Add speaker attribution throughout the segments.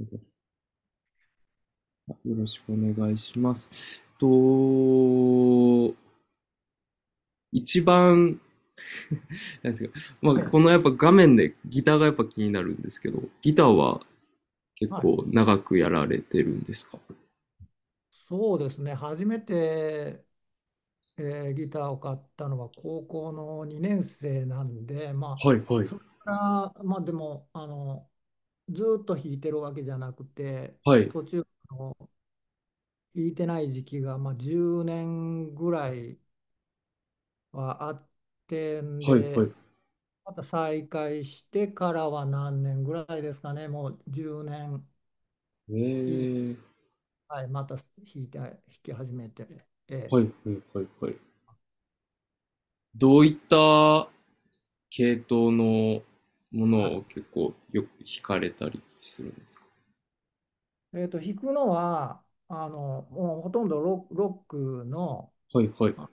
Speaker 1: よろしくお願いします。と、一番、なんですか、まあ、
Speaker 2: ええ、
Speaker 1: このやっぱ画面でギターがやっぱ気になるんですけど、ギターは結
Speaker 2: はい、
Speaker 1: 構長くやられてるんですか？
Speaker 2: そうですね。初めて、えギターを買ったのは高校の2年生なんで、ま
Speaker 1: はい
Speaker 2: あ、
Speaker 1: はい。
Speaker 2: それから、まあ、でもずーっと弾いてるわけじゃなくて、
Speaker 1: はい
Speaker 2: 途中あの弾いてない時期が、まあ、10年ぐらいはあってん
Speaker 1: はいはい。
Speaker 2: で、また再開してからは何年ぐらいですかね、もう10年
Speaker 1: え
Speaker 2: 以上。
Speaker 1: ー、
Speaker 2: はい、また弾き始めて。え
Speaker 1: は
Speaker 2: え、
Speaker 1: いはいはいはい。どういった系統のも
Speaker 2: は
Speaker 1: のを
Speaker 2: い。
Speaker 1: 結構よく弾かれたりするんですか？
Speaker 2: 弾くのは、もうほとんどロックの、
Speaker 1: はいはい。
Speaker 2: あ、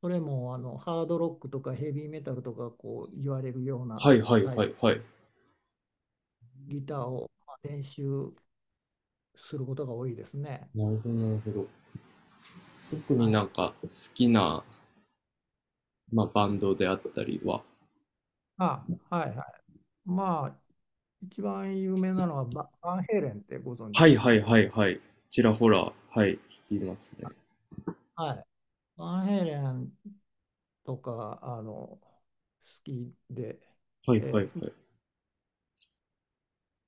Speaker 2: それもハードロックとかヘビーメタルとかこう言われるよう
Speaker 1: は
Speaker 2: な
Speaker 1: いはい
Speaker 2: タイ
Speaker 1: は
Speaker 2: プ、
Speaker 1: いはい。
Speaker 2: ギターをまあ練習することが多いですね。
Speaker 1: なるほどなるほど。特に
Speaker 2: は
Speaker 1: なん
Speaker 2: い。
Speaker 1: か好きなまあ、バンドであったりは。
Speaker 2: あ、はいはい。まあ、一番有名なのはバンヘイレンってご存知
Speaker 1: は
Speaker 2: で
Speaker 1: い
Speaker 2: すか
Speaker 1: はい
Speaker 2: ね。
Speaker 1: はいはい。ちらほら、はい、聞きますね。
Speaker 2: はい。バンヘイレンとか、好きで、
Speaker 1: はいはい
Speaker 2: ええ
Speaker 1: はい。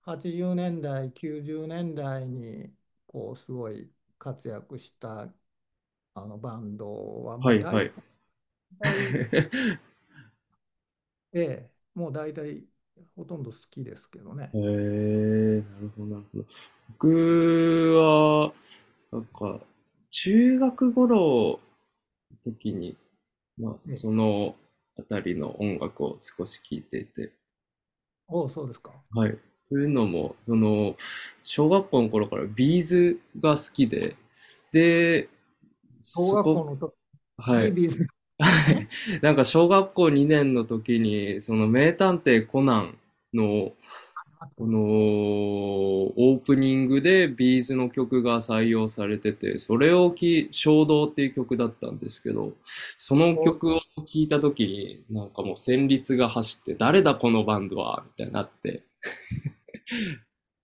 Speaker 2: 80年代、90年代にこうすごい活躍したあのバンドは
Speaker 1: は
Speaker 2: もう
Speaker 1: いは
Speaker 2: 大
Speaker 1: い。
Speaker 2: 体、
Speaker 1: へ
Speaker 2: ええ、もう大体ほとんど好きですけどね。
Speaker 1: え、なるほどなるほど。僕は、なんか、中学頃の時に、まあ、
Speaker 2: ええ、
Speaker 1: そのあたりの音楽を少し聴いていて、
Speaker 2: おう、そうですか。
Speaker 1: はい。というのも、その、小学校の頃からビーズが好きで、で、
Speaker 2: 小
Speaker 1: そ
Speaker 2: 学
Speaker 1: こ、
Speaker 2: 校の時
Speaker 1: は
Speaker 2: に
Speaker 1: い。
Speaker 2: ビーズ
Speaker 1: は
Speaker 2: がね、
Speaker 1: い。なんか小学校2年の時に、その名探偵コナンの、
Speaker 2: あった
Speaker 1: この
Speaker 2: ね。
Speaker 1: オープニングでビーズの曲が採用されてて、それをき、衝動っていう曲だったんですけど、その
Speaker 2: おう、
Speaker 1: 曲を聴いた時に、なんかもう旋律が走って、誰だこのバンドはみたいになって、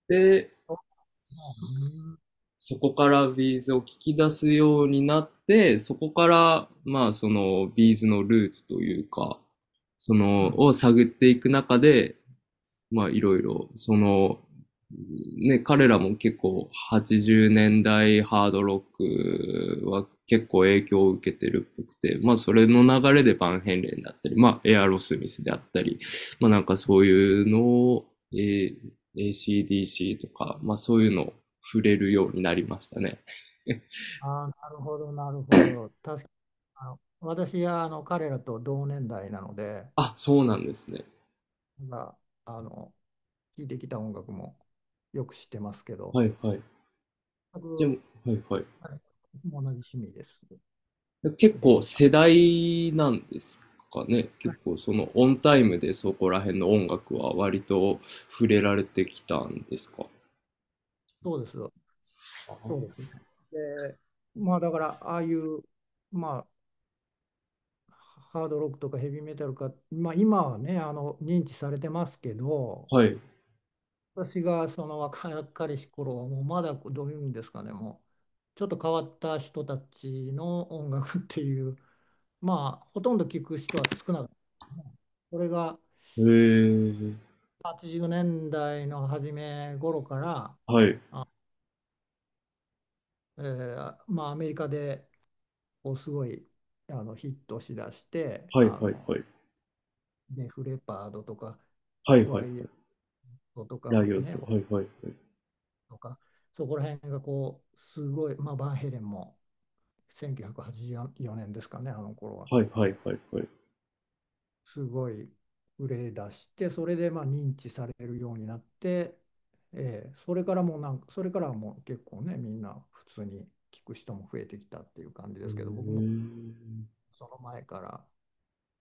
Speaker 1: で、
Speaker 2: そう、うん、
Speaker 1: そこからビーズを聞き出すようになって、そこから、まあ、そのビーズのルーツというか、そ
Speaker 2: う
Speaker 1: の、
Speaker 2: ん。
Speaker 1: を探っていく中で、まあいろいろ、その、ね、彼らも結構80年代ハードロックは結構影響を受けてるっぽくて、まあそれの流れでバンヘイレンだったり、まあエアロスミスであったり、まあなんかそういうのを、えー ACDC とか、まあそういうのを触れるようになりましたね。
Speaker 2: ああ、なるほど、なるほど。確かに私は彼らと同年代なので、
Speaker 1: あ、そうなんですね。
Speaker 2: まあ、聴いてきた音楽もよく知ってますけど、
Speaker 1: はいはい。
Speaker 2: 全
Speaker 1: で
Speaker 2: く。
Speaker 1: も、はいはい。
Speaker 2: はい、私も同じ趣味です。
Speaker 1: 結
Speaker 2: で
Speaker 1: 構
Speaker 2: した。
Speaker 1: 世代なんですかね。
Speaker 2: は
Speaker 1: 結
Speaker 2: い、
Speaker 1: 構そのオンタイムでそこら辺の音楽は割と触れられてきたんですか？
Speaker 2: そうです。そうですね。で、まあ、だから、ああいう、まあ、ハードロックとかヘビーメタルか、まあ今はね、認知されてますけど、
Speaker 1: はい。
Speaker 2: 私がその若かりし頃は、もうまだどういうんですかね、もう、ちょっと変わった人たちの音楽っていう、まあ、ほとんど聞く人は少なかったですね。それが
Speaker 1: へえ。
Speaker 2: 80年代の初め頃から、
Speaker 1: はい。
Speaker 2: まあ、アメリカでこうすごいヒットしだして
Speaker 1: はいはいはい。
Speaker 2: デフレパードとか
Speaker 1: はい
Speaker 2: ク
Speaker 1: はいは
Speaker 2: ワ
Speaker 1: い。
Speaker 2: イエットとか
Speaker 1: ライオッ
Speaker 2: ね、
Speaker 1: ト。はいはいはい。
Speaker 2: とか、そこら辺がこうすごい、まあ、バンヘレンも1984年ですかね、あの頃は
Speaker 1: はいはいはいはい。
Speaker 2: すごい売れ出して、それでまあ認知されるようになって、それからはもう結構ね、みんな普通に聞く人も増えてきたっていう感じ
Speaker 1: へ
Speaker 2: ですけど、僕も
Speaker 1: え。
Speaker 2: その前から。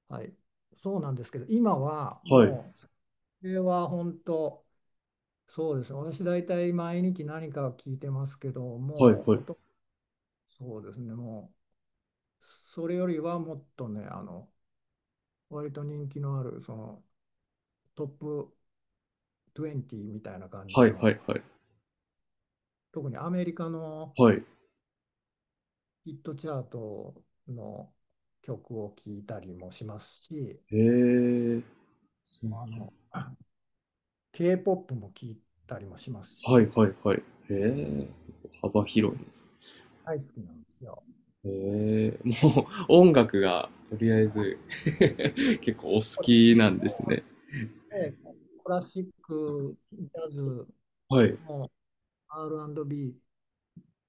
Speaker 2: はい、そうなんですけど、今は
Speaker 1: はい。
Speaker 2: もう、それは本当、そうですね、私大体毎日何か聞いてますけど、
Speaker 1: はい
Speaker 2: もう
Speaker 1: はい。
Speaker 2: こと、そうですね、もう、それよりはもっとね、割と人気のある、そのトップ20みたいな感じ
Speaker 1: はい
Speaker 2: の、
Speaker 1: はいはい。
Speaker 2: 特にアメリカの
Speaker 1: はい。
Speaker 2: ヒットチャートの曲を聞いたりもしますし、
Speaker 1: へえ。
Speaker 2: あの、K-POP も聞いたりもします
Speaker 1: はい
Speaker 2: し、
Speaker 1: はいはい。へえ。幅広いですね。
Speaker 2: 大好きなんですよ。
Speaker 1: もう音楽がとりあえず 結構お好きなんですね。
Speaker 2: もう、コラシック、ジャズ、
Speaker 1: はい、
Speaker 2: もう、 R&B、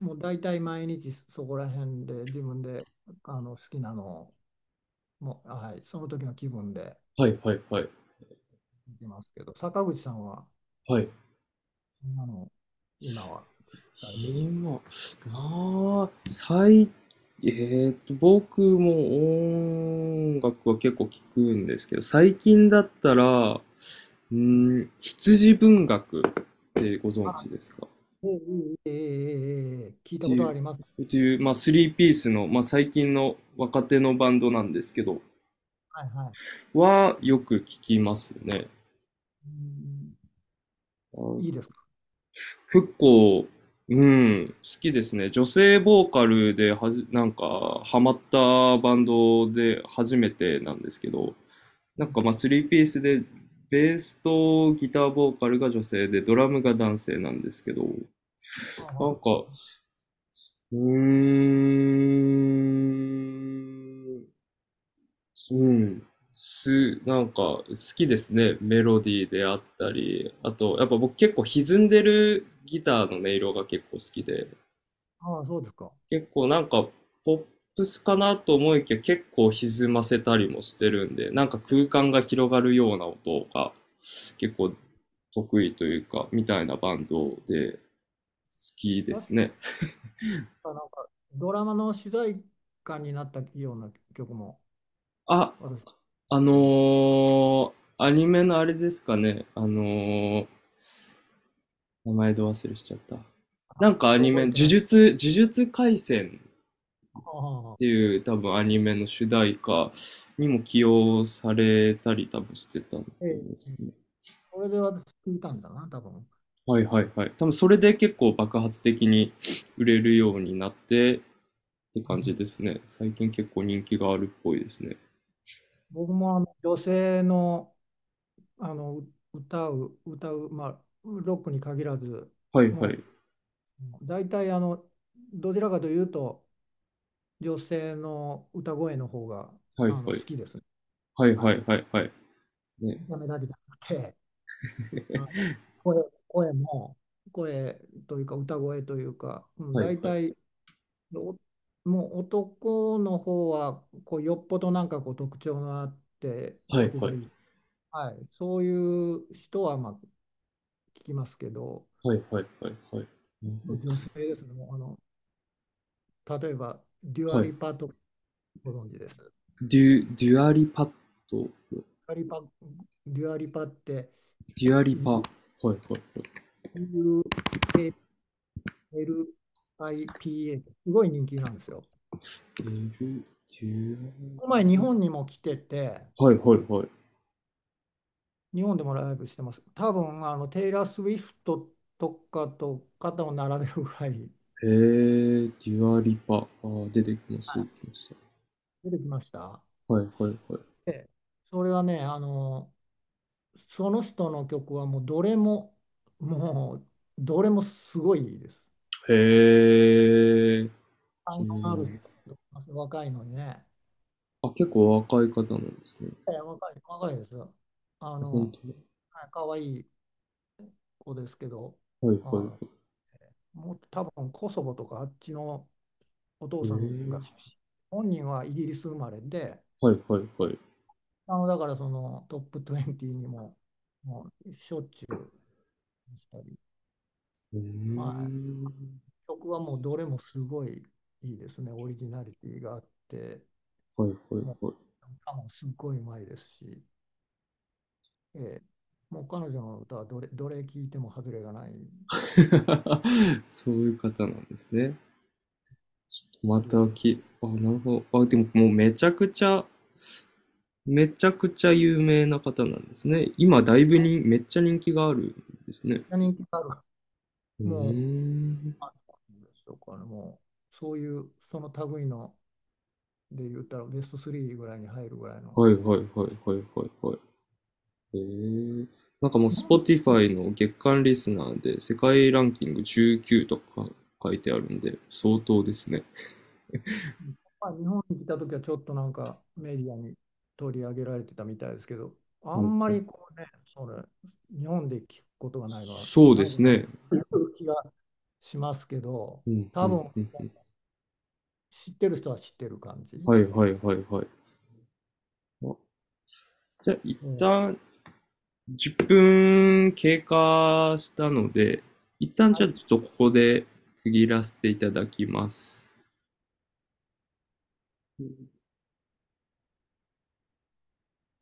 Speaker 2: もう大体毎日そこら辺で自分で好きなのを、もう、はい、その時の気分で
Speaker 1: はい、はい、はい、
Speaker 2: いますけど、坂口さんは、
Speaker 1: はい。
Speaker 2: あの、今は聞かれてるの。
Speaker 1: 今、なあ、僕も音楽は結構聞くんですけど、最近だったら、うん、羊文学ってご存
Speaker 2: あ、
Speaker 1: 知ですか？っ
Speaker 2: ええええええええ、聞いた
Speaker 1: て
Speaker 2: こ
Speaker 1: い
Speaker 2: とあ
Speaker 1: う、
Speaker 2: ります。
Speaker 1: まあ、スリーピースの、まあ、最近の若手のバンドなんですけど、
Speaker 2: はいはい。
Speaker 1: はよく聞きますね。
Speaker 2: うん、いい
Speaker 1: あ、
Speaker 2: ですか。
Speaker 1: 結構、うん、好きですね。女性ボーカルではなんか、ハマったバンドで初めてなんですけど、なんかまあ、3ピースで、ベースとギターボーカルが女性で、ドラムが男性なんですけど、なん
Speaker 2: あ
Speaker 1: か、うーん、うん、なんか、好きですね。メロディーであったり、あと、やっぱ僕結構歪んでるギターの音色が結構好きで、
Speaker 2: あ、ああ、そうですか。
Speaker 1: 結構なんかポップスかなと思いきや結構歪ませたりもしてるんで、なんか空間が広がるような音が結構得意というか、みたいなバンドで好きです
Speaker 2: 確
Speaker 1: ね。
Speaker 2: かなんかドラマの主題歌になったような曲も、
Speaker 1: あ、
Speaker 2: 私
Speaker 1: あのー、アニメのあれですかね。ー、名前ど忘れしちゃった。
Speaker 2: は
Speaker 1: な
Speaker 2: っ
Speaker 1: ん
Speaker 2: き
Speaker 1: か
Speaker 2: り
Speaker 1: ア
Speaker 2: と
Speaker 1: ニメ、
Speaker 2: 覚えてない。
Speaker 1: 呪術廻戦っ
Speaker 2: ああ、
Speaker 1: ていう多分アニメの主題歌にも起用されたり多分してたと思
Speaker 2: え
Speaker 1: うんで
Speaker 2: え、
Speaker 1: すけどね。
Speaker 2: それで私聞いたんだな、多分。
Speaker 1: はいはいはい。多分それで結構爆発的に売れるようになってって
Speaker 2: う
Speaker 1: 感じ
Speaker 2: ん、
Speaker 1: ですね。最近結構人気があるっぽいですね。
Speaker 2: 僕も女性の、あのう歌う、歌う、まあ、ロックに限らず、
Speaker 1: はいはい。
Speaker 2: もう大体どちらかというと、女性の歌声の方が
Speaker 1: はいは
Speaker 2: 好
Speaker 1: い。
Speaker 2: きですね。
Speaker 1: はい
Speaker 2: は
Speaker 1: は
Speaker 2: い。
Speaker 1: いはいはい。ね。
Speaker 2: 見た目だけじゃなくて、あの声、声も、声というか、歌声というか、うん、
Speaker 1: はい
Speaker 2: 大
Speaker 1: はい。
Speaker 2: 体おもう男の方はこうよっぽどなんかこう特徴のあって
Speaker 1: はい
Speaker 2: 曲
Speaker 1: は
Speaker 2: がい
Speaker 1: い。
Speaker 2: い、はい、そういう人はまあ聞きますけど、
Speaker 1: はいはいはいはい。うん、
Speaker 2: 女性ですね。もう例えばデュ
Speaker 1: は
Speaker 2: アリ
Speaker 1: い。
Speaker 2: パとか、ご存知です。
Speaker 1: デュアリパッド。
Speaker 2: デュアリパ、デュアリパって
Speaker 1: デュアリ
Speaker 2: イギ
Speaker 1: パ。は
Speaker 2: リ
Speaker 1: いはいはい。
Speaker 2: ス、 LIPA、 すごい人気なんですよ。
Speaker 1: デュ、デュ
Speaker 2: この前日本にも来てて、
Speaker 1: ア、はいはいはい。
Speaker 2: 日本でもライブしてます。多分あのテイラー・スウィフトとかと肩を並べるぐらい。
Speaker 1: へえ、デュアリパ。出てきまし
Speaker 2: は
Speaker 1: た、
Speaker 2: い、
Speaker 1: 出てきまし
Speaker 2: 出てきました。
Speaker 1: た。はいはいはい。
Speaker 2: で、それはね、その人の曲は、もうどれもすごいです。
Speaker 1: へえ。
Speaker 2: 才
Speaker 1: 気
Speaker 2: 能
Speaker 1: に
Speaker 2: あ
Speaker 1: なり
Speaker 2: る
Speaker 1: ま
Speaker 2: 人
Speaker 1: す。
Speaker 2: だと思います、若いのにね。
Speaker 1: あ、結構若い方なんですね。
Speaker 2: ええ、若いです。あ
Speaker 1: あ、
Speaker 2: の、
Speaker 1: 本当だ。
Speaker 2: はい、可愛い子ですけど、
Speaker 1: はい
Speaker 2: あ
Speaker 1: はいはい。
Speaker 2: の、もう多分コソボとかあっちのお父
Speaker 1: え
Speaker 2: さんが
Speaker 1: ー、
Speaker 2: 出身、本人はイギリス生まれで、
Speaker 1: はいはいはい。
Speaker 2: だからそのトップ20にも、もうしょっちゅうしたり。
Speaker 1: え
Speaker 2: はい、
Speaker 1: ー、
Speaker 2: 曲はもうどれもすごいいいですね。オリジナリティがあって、
Speaker 1: はいはい
Speaker 2: も
Speaker 1: はい。
Speaker 2: う歌もすごいうまいですし、ええもう彼女の歌は、どれ聴いても外れがない。
Speaker 1: そういう方なんですね。ちょっと
Speaker 2: デュア
Speaker 1: また
Speaker 2: リテ
Speaker 1: き、あ、なるほど。あ、でももうめちゃくちゃ、めちゃくちゃ有名な方なんですね。今だいぶに、めっちゃ人気があるんですね。
Speaker 2: ィ。人気がある。
Speaker 1: うー
Speaker 2: もう、
Speaker 1: ん。
Speaker 2: あ、なんでしょうかね、もう、そういう、その類ので言ったらベスト3ぐらいに入るぐらいの、
Speaker 1: はいはいはいはいはいはい。へえ、なんかもう
Speaker 2: 日本
Speaker 1: Spotify の月間リスナーで世界ランキング19とか書いてあるんで、相当ですね。
Speaker 2: まあ、日本に来た時はちょっとなんかメディアに取り上げられてたみたいですけど、あ
Speaker 1: はい
Speaker 2: んま
Speaker 1: は
Speaker 2: り
Speaker 1: い、
Speaker 2: こうね、それ、日本で聞くことがないのは、
Speaker 1: そう
Speaker 2: な
Speaker 1: です
Speaker 2: ぜか
Speaker 1: ね。
Speaker 2: という気がしますけど、
Speaker 1: うんう
Speaker 2: 多
Speaker 1: ん
Speaker 2: 分
Speaker 1: うんうん。
Speaker 2: 知ってる人は知ってる感じ。
Speaker 1: はいはいはいはい。あ、じゃあ一
Speaker 2: うん、
Speaker 1: 旦10分経過したので、一旦
Speaker 2: は
Speaker 1: じゃあ
Speaker 2: い
Speaker 1: ちょっとここで区切らせていただきます。